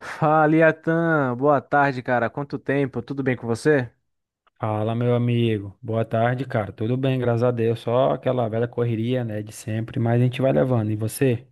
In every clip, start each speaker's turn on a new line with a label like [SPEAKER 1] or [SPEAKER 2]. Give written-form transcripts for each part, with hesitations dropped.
[SPEAKER 1] Fala, Iatan. Boa tarde, cara. Quanto tempo? Tudo bem com você?
[SPEAKER 2] Fala, meu amigo. Boa tarde, cara. Tudo bem, graças a Deus. Só aquela velha correria, né, de sempre, mas a gente vai levando. E você?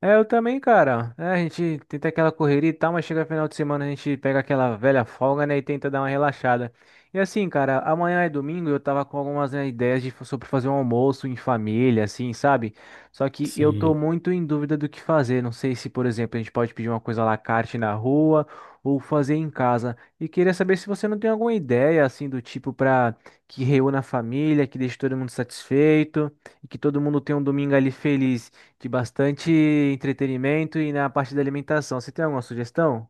[SPEAKER 1] É, eu também, cara. É, a gente tenta aquela correria e tal, mas chega final de semana a gente pega aquela velha folga, né, e tenta dar uma relaxada. E assim, cara, amanhã é domingo, eu tava com algumas, né, ideias de, sobre fazer um almoço em família, assim, sabe? Só que eu tô
[SPEAKER 2] Sim.
[SPEAKER 1] muito em dúvida do que fazer. Não sei se, por exemplo, a gente pode pedir uma coisa à la carte na rua ou fazer em casa. E queria saber se você não tem alguma ideia, assim, do tipo pra que reúna a família, que deixe todo mundo satisfeito e que todo mundo tenha um domingo ali feliz de bastante entretenimento e na parte da alimentação. Você tem alguma sugestão?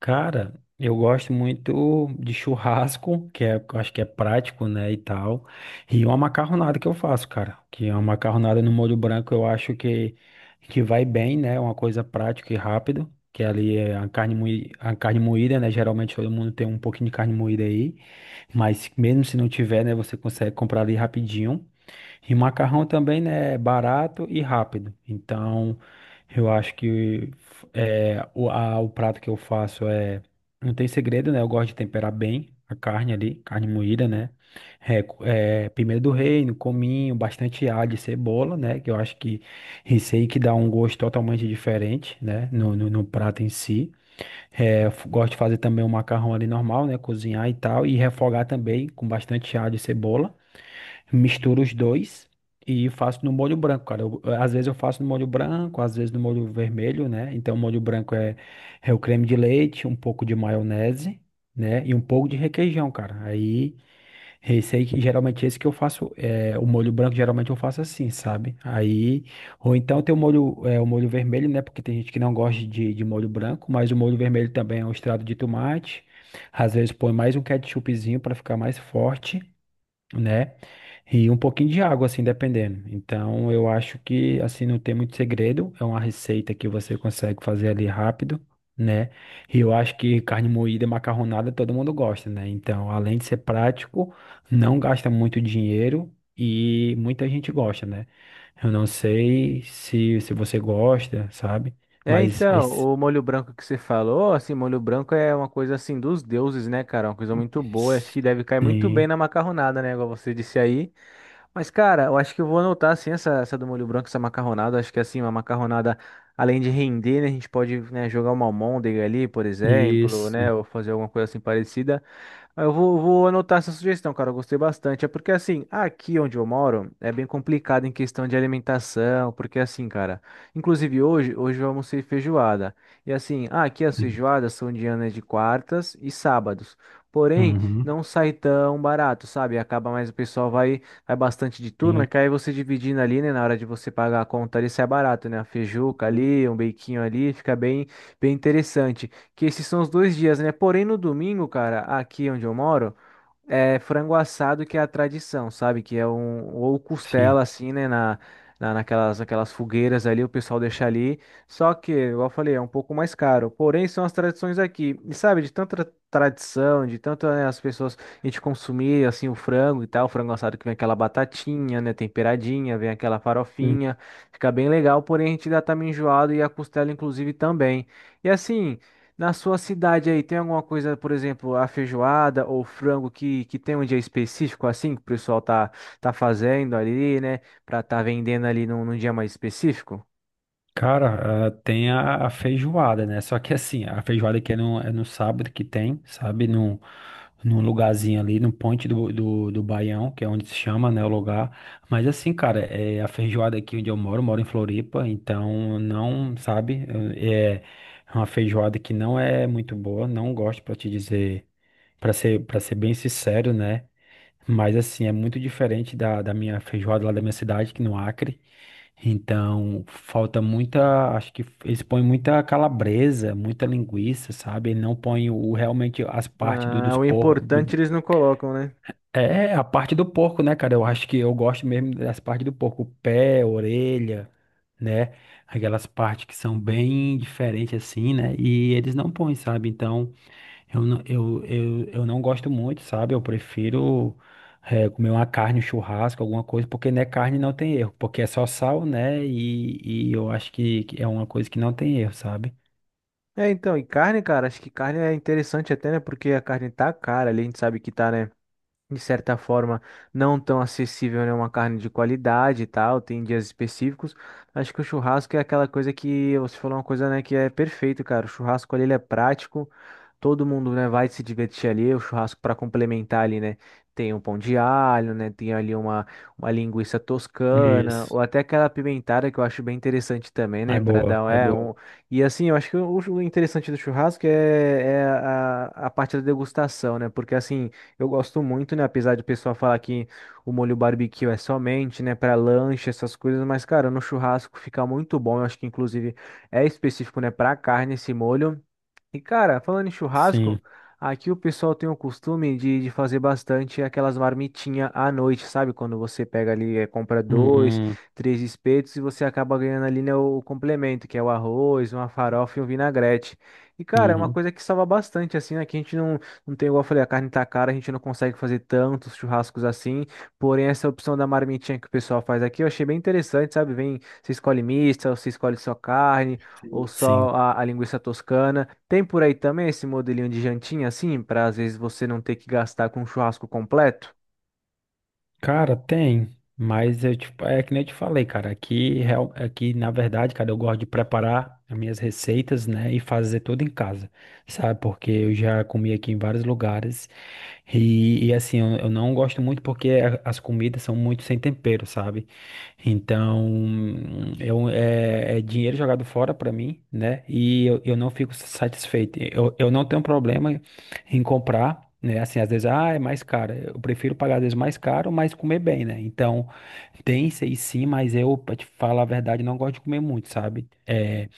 [SPEAKER 2] Cara, eu gosto muito de churrasco, que é, eu acho que é prático, né, e tal. E uma macarronada que eu faço, cara, que é uma macarronada no molho branco, eu acho que vai bem, né? Uma coisa prática e rápido, que ali é a carne moída, né? Geralmente todo mundo tem um pouquinho de carne moída aí, mas mesmo se não tiver, né, você consegue comprar ali rapidinho. E macarrão também, né, é barato e rápido. Então, eu acho que o prato que eu faço é. Não tem segredo, né? Eu gosto de temperar bem a carne ali, carne moída, né? Pimenta do reino, cominho, bastante alho e cebola, né? Que eu acho que isso aí que dá um gosto totalmente diferente, né? No prato em si. Eu gosto de fazer também o macarrão ali normal, né? Cozinhar e tal. E refogar também com bastante alho e cebola. Misturo os dois e faço no molho branco, cara. Às vezes eu faço no molho branco, às vezes no molho vermelho, né? Então, o molho branco é o creme de leite, um pouco de maionese, né? E um pouco de requeijão, cara. Aí, esse aí, que geralmente esse que eu faço, o molho branco, geralmente eu faço assim, sabe? Aí, ou então tem o molho vermelho, né? Porque tem gente que não gosta de molho branco, mas o molho vermelho também é um extrato de tomate. Às vezes põe mais um ketchupzinho para ficar mais forte, né? E um pouquinho de água, assim, dependendo. Então, eu acho que, assim, não tem muito segredo. É uma receita que você consegue fazer ali rápido, né? E eu acho que carne moída e macarronada, todo mundo gosta, né? Então, além de ser prático, não gasta muito dinheiro e muita gente gosta, né? Eu não sei se você gosta, sabe?
[SPEAKER 1] É,
[SPEAKER 2] Mas,
[SPEAKER 1] então,
[SPEAKER 2] esse-
[SPEAKER 1] o molho branco que você falou, assim, molho branco é uma coisa assim dos deuses, né, cara? Uma coisa muito boa. Acho que deve cair muito bem
[SPEAKER 2] sim.
[SPEAKER 1] na macarronada, né? Igual você disse aí. Mas, cara, eu acho que eu vou anotar assim essa do molho branco, essa macarronada. Acho que assim, uma macarronada, além de render, né? A gente pode, né, jogar uma almôndega ali, por exemplo, né?
[SPEAKER 2] Isso.
[SPEAKER 1] Ou fazer alguma coisa assim parecida. Ah, eu vou, vou anotar essa sugestão, cara. Eu gostei bastante. É porque, assim, aqui onde eu moro é bem complicado em questão de alimentação. Porque, assim, cara, inclusive hoje eu almocei feijoada. E, assim, ah, aqui as
[SPEAKER 2] Sim.
[SPEAKER 1] feijoadas são dianas de quartas e sábados. Porém,
[SPEAKER 2] uhum.
[SPEAKER 1] não sai tão barato, sabe? Acaba mais o pessoal vai, vai bastante de turma,
[SPEAKER 2] Sim.
[SPEAKER 1] que aí você dividindo ali, né? Na hora de você pagar a conta ali, sai barato, né? A feijuca ali, um beiquinho ali, fica bem, bem interessante. Que esses são os dois dias, né? Porém, no domingo, cara, aqui onde eu moro, é frango assado que é a tradição, sabe? Que é um. Ou
[SPEAKER 2] Sim.
[SPEAKER 1] costela, assim, né? Naquelas fogueiras ali, o pessoal deixa ali. Só que, igual eu falei, é um pouco mais caro. Porém, são as tradições aqui. E sabe, de tanta tradição, de tanto, né, as pessoas. A gente consumir, assim, o frango e tal. O frango assado que vem aquela batatinha, né? Temperadinha, vem aquela farofinha. Fica bem legal, porém, a gente já tá meio enjoado e a costela, inclusive, também. E assim. Na sua cidade aí, tem alguma coisa, por exemplo, a feijoada ou frango que tem um dia específico assim, que o pessoal tá, tá fazendo ali, né? Pra tá vendendo ali num, num dia mais específico?
[SPEAKER 2] Cara, tem a feijoada, né? Só que assim, a feijoada que é no sábado que tem, sabe? Num lugarzinho ali, no Ponte do Baião, que é onde se chama, né, o lugar. Mas assim, cara, é a feijoada aqui onde eu moro em Floripa, então não, sabe? É é uma feijoada que não é muito boa, não gosto pra te dizer, para ser bem sincero, né? Mas assim, é muito diferente da minha feijoada lá da minha cidade, que é no Acre. Então, falta muita, acho que eles põem muita calabresa, muita linguiça, sabe? Ele não põe o, realmente as partes do,
[SPEAKER 1] Ah,
[SPEAKER 2] dos
[SPEAKER 1] o
[SPEAKER 2] porcos.
[SPEAKER 1] importante eles não colocam, né?
[SPEAKER 2] A parte do porco, né, cara? Eu acho que eu gosto mesmo das partes do porco, o pé, a orelha, né? Aquelas partes que são bem diferentes assim, né? E eles não põem, sabe? Então, eu não gosto muito, sabe? Eu prefiro comer uma carne, um churrasco, alguma coisa, porque né, carne não tem erro, porque é só sal, né? E eu acho que é uma coisa que não tem erro, sabe?
[SPEAKER 1] É, então, e carne, cara, acho que carne é interessante até, né? Porque a carne tá cara ali, a gente sabe que tá, né? De certa forma, não tão acessível, né? Uma carne de qualidade e tal, tem dias específicos. Acho que o churrasco é aquela coisa que você falou uma coisa, né, que é perfeito, cara. O churrasco ali ele é prático, todo mundo, né, vai se divertir ali. O churrasco para complementar ali, né, tem um pão de alho, né, tem ali uma linguiça toscana,
[SPEAKER 2] Isso.
[SPEAKER 1] ou até aquela apimentada que eu acho bem interessante também,
[SPEAKER 2] É
[SPEAKER 1] né, para
[SPEAKER 2] boa,
[SPEAKER 1] dar,
[SPEAKER 2] é
[SPEAKER 1] é,
[SPEAKER 2] boa.
[SPEAKER 1] um... E assim, eu acho que o interessante do churrasco é, é a parte da degustação, né, porque assim. Eu gosto muito, né? Apesar de o pessoal falar que o molho barbecue é somente, né, para lanche, essas coisas, mas, cara, no churrasco fica muito bom. Eu acho que, inclusive, é específico, né, para carne esse molho. E cara, falando em churrasco,
[SPEAKER 2] Sim.
[SPEAKER 1] aqui o pessoal tem o costume de fazer bastante aquelas marmitinhas à noite, sabe? Quando você pega ali, compra dois,
[SPEAKER 2] Uhum,
[SPEAKER 1] três espetos e você acaba ganhando ali, né, o, complemento, que é o arroz, uma farofa e um vinagrete. E cara, é uma
[SPEAKER 2] uhum.
[SPEAKER 1] coisa que salva bastante, assim, né? Que a gente não, não tem, igual eu falei, a carne tá cara, a gente não consegue fazer tantos churrascos assim. Porém, essa opção da marmitinha que o pessoal faz aqui, eu achei bem interessante, sabe? Vem, você escolhe mista, você escolhe só carne. Ou
[SPEAKER 2] Sim.
[SPEAKER 1] só
[SPEAKER 2] Sim.
[SPEAKER 1] a linguiça toscana. Tem por aí também esse modelinho de jantinha, assim, para às vezes você não ter que gastar com um churrasco completo?
[SPEAKER 2] Cara, tem, mas eu, tipo, é que nem eu te falei, cara, aqui na verdade, cara, eu gosto de preparar as minhas receitas, né, e fazer tudo em casa, sabe? Porque eu já comi aqui em vários lugares e assim, eu não gosto muito porque as comidas são muito sem tempero, sabe? Então, é dinheiro jogado fora pra mim, né? E eu não fico satisfeito. Eu não tenho problema em comprar, né? Assim, às vezes, é mais caro. Eu prefiro pagar, às vezes, mais caro, mas comer bem, né? Então, tem isso aí sim, mas eu, pra te falar a verdade, não gosto de comer muito, sabe?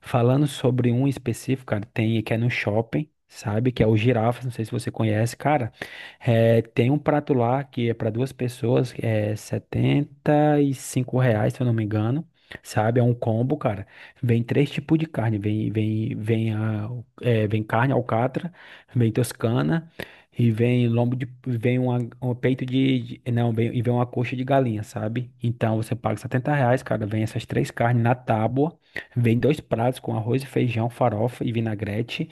[SPEAKER 2] Falando sobre um específico, cara, tem que é no shopping, sabe? Que é o girafas, não sei se você conhece, cara. Tem um prato lá que é para duas pessoas, é R$ 75 reais, se eu não me engano. Sabe, é um combo, cara. Vem três tipos de carne. Vem carne alcatra, vem toscana e vem lombo vem um peito de- não, e vem uma coxa de galinha, sabe? Então você paga 70 reais, cara. Vem essas três carnes na tábua. Vem dois pratos com arroz e feijão, farofa e vinagrete.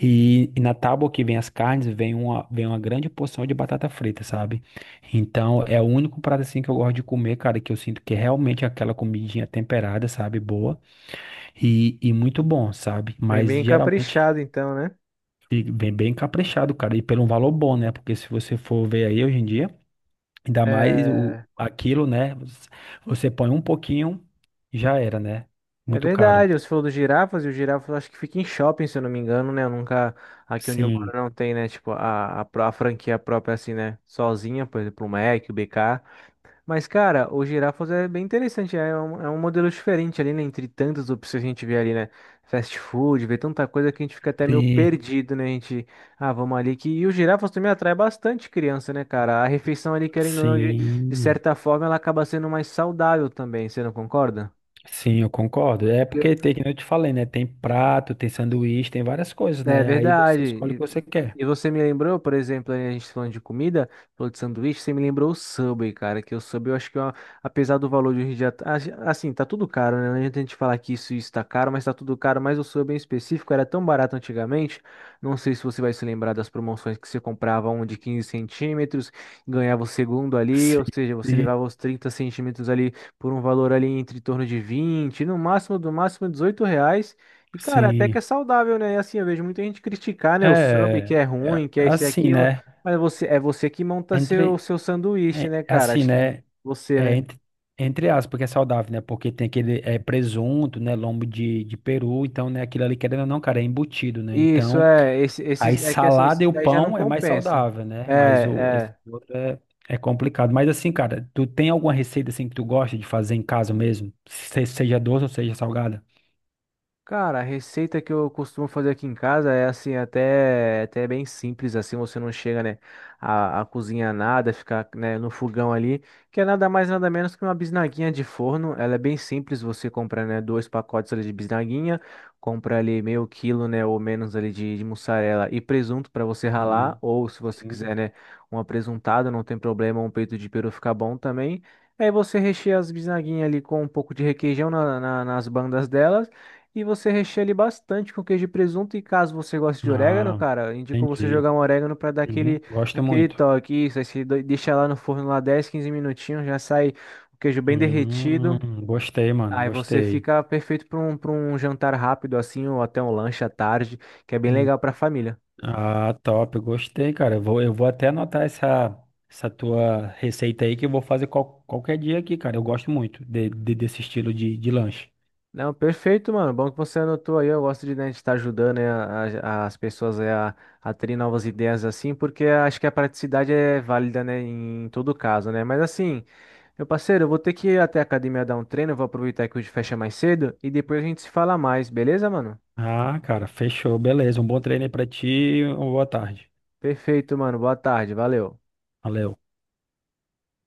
[SPEAKER 2] E na tábua que vem as carnes, vem uma grande porção de batata frita, sabe? Então, é o único prato assim que eu gosto de comer, cara, que eu sinto que é realmente aquela comidinha temperada, sabe? Boa e muito bom, sabe?
[SPEAKER 1] Bem,
[SPEAKER 2] Mas
[SPEAKER 1] bem
[SPEAKER 2] geralmente
[SPEAKER 1] caprichado, então, né?
[SPEAKER 2] e vem bem caprichado, cara, e pelo um valor bom, né? Porque se você for ver aí hoje em dia, ainda mais o,
[SPEAKER 1] É,
[SPEAKER 2] aquilo, né? Você põe um pouquinho, já era, né?
[SPEAKER 1] é
[SPEAKER 2] Muito caro.
[SPEAKER 1] verdade. Você falou dos girafas, e o girafa eu acho que fica em shopping, se eu não me engano, né? Eu nunca. Aqui onde eu moro
[SPEAKER 2] Sim.
[SPEAKER 1] não tem, né? Tipo, a, pró- a franquia própria, assim, né? Sozinha, por exemplo, o Mac, o BK. Mas, cara, o girafas é bem interessante, é um modelo diferente ali, né? Entre tantas opções que a gente vê ali, né? Fast food, vê tanta coisa que a gente fica até meio
[SPEAKER 2] Sim.
[SPEAKER 1] perdido, né? A gente, ah, vamos ali que. E o girafas também atrai bastante criança, né, cara? A refeição ali, querendo ou não, de
[SPEAKER 2] Sim,
[SPEAKER 1] certa forma, ela acaba sendo mais saudável também, você não concorda?
[SPEAKER 2] sim, eu concordo. É porque
[SPEAKER 1] Porque
[SPEAKER 2] tem, como eu te falei, né? Tem prato, tem sanduíche, tem várias coisas,
[SPEAKER 1] é
[SPEAKER 2] né? Aí
[SPEAKER 1] verdade.
[SPEAKER 2] você escolhe o que
[SPEAKER 1] E,
[SPEAKER 2] você quer.
[SPEAKER 1] e você me lembrou, por exemplo, aí a gente falando de comida, falou de sanduíche, você me lembrou o Subway, cara, que o Subway eu acho que, ó, apesar do valor de hoje em dia, tá- a- assim, tá tudo caro, né? Não adianta a gente falar que isso está caro, mas tá tudo caro, mas o Subway em específico era tão barato antigamente, não sei se você vai se lembrar das promoções que você comprava um de 15 cm, ganhava o segundo ali,
[SPEAKER 2] Sim,
[SPEAKER 1] ou seja, você
[SPEAKER 2] sim.
[SPEAKER 1] levava os 30 cm ali por um valor ali entre torno de 20, no máximo, do máximo R$ 18, e, cara, até que
[SPEAKER 2] Sim.
[SPEAKER 1] é saudável, né? E assim, eu vejo muita gente criticar, né? O sub que
[SPEAKER 2] É,
[SPEAKER 1] é
[SPEAKER 2] é
[SPEAKER 1] ruim, que é isso e
[SPEAKER 2] assim,
[SPEAKER 1] aquilo.
[SPEAKER 2] né?
[SPEAKER 1] Mas você, é você que monta seu,
[SPEAKER 2] Entre,
[SPEAKER 1] seu sanduíche, né, cara?
[SPEAKER 2] assim,
[SPEAKER 1] Acho que
[SPEAKER 2] né?
[SPEAKER 1] você,
[SPEAKER 2] É,
[SPEAKER 1] né?
[SPEAKER 2] entre, entre aspas, porque é saudável, né? Porque tem aquele presunto, né? Lombo de peru, então, né? Aquilo ali, querendo ou não, cara, é embutido, né?
[SPEAKER 1] Isso,
[SPEAKER 2] Então,
[SPEAKER 1] é. Esse,
[SPEAKER 2] aí
[SPEAKER 1] esses, é que assim,
[SPEAKER 2] salada e
[SPEAKER 1] esses
[SPEAKER 2] o
[SPEAKER 1] daí já não
[SPEAKER 2] pão é mais
[SPEAKER 1] compensa.
[SPEAKER 2] saudável,
[SPEAKER 1] É,
[SPEAKER 2] né? Mas o esse
[SPEAKER 1] é.
[SPEAKER 2] outro é complicado. Mas assim, cara, tu tem alguma receita assim que tu gosta de fazer em casa mesmo? Seja doce ou seja salgada?
[SPEAKER 1] Cara, a receita que eu costumo fazer aqui em casa é assim, até, até bem simples, assim, você não chega, né, a cozinhar nada, ficar, né, no fogão ali, que é nada mais, nada menos que uma bisnaguinha de forno, ela é bem simples, você compra, né, dois pacotes ali de bisnaguinha, compra ali meio quilo, né, ou menos ali de mussarela e presunto para você ralar,
[SPEAKER 2] Hum,
[SPEAKER 1] ou se você quiser,
[SPEAKER 2] sim.
[SPEAKER 1] né, uma presuntada, não tem problema, um peito de peru fica bom também, aí você recheia as bisnaguinhas ali com um pouco de requeijão nas bandas delas, e você recheia ele bastante com queijo e presunto. E caso você goste de orégano,
[SPEAKER 2] Ah,
[SPEAKER 1] cara, indico você
[SPEAKER 2] entendi.
[SPEAKER 1] jogar um orégano para dar
[SPEAKER 2] Sim,
[SPEAKER 1] aquele,
[SPEAKER 2] gosto
[SPEAKER 1] aquele
[SPEAKER 2] muito.
[SPEAKER 1] toque. Isso, aí você deixa lá no forno lá 10, 15 minutinhos, já sai o queijo bem derretido.
[SPEAKER 2] Gostei, mano,
[SPEAKER 1] Aí você
[SPEAKER 2] gostei.
[SPEAKER 1] fica perfeito para um jantar rápido assim, ou até um lanche à tarde, que é bem
[SPEAKER 2] Hum,
[SPEAKER 1] legal para família.
[SPEAKER 2] Ah, top, gostei, cara. Eu vou até anotar essa tua receita aí que eu vou fazer qualquer dia aqui, cara. Eu gosto muito desse estilo de lanche.
[SPEAKER 1] Não, perfeito, mano. Bom que você anotou aí. Eu gosto de, né, de estar ajudando, né, as pessoas é, a terem novas ideias assim, porque acho que a praticidade é válida, né, em todo caso, né? Mas assim. Meu parceiro, eu vou ter que ir até a academia dar um treino, eu vou aproveitar que hoje fecha mais cedo e depois a gente se fala mais, beleza, mano?
[SPEAKER 2] Ah, cara, fechou. Beleza. Um bom treino aí pra ti. Uma boa tarde.
[SPEAKER 1] Perfeito, mano. Boa tarde, valeu.
[SPEAKER 2] Valeu.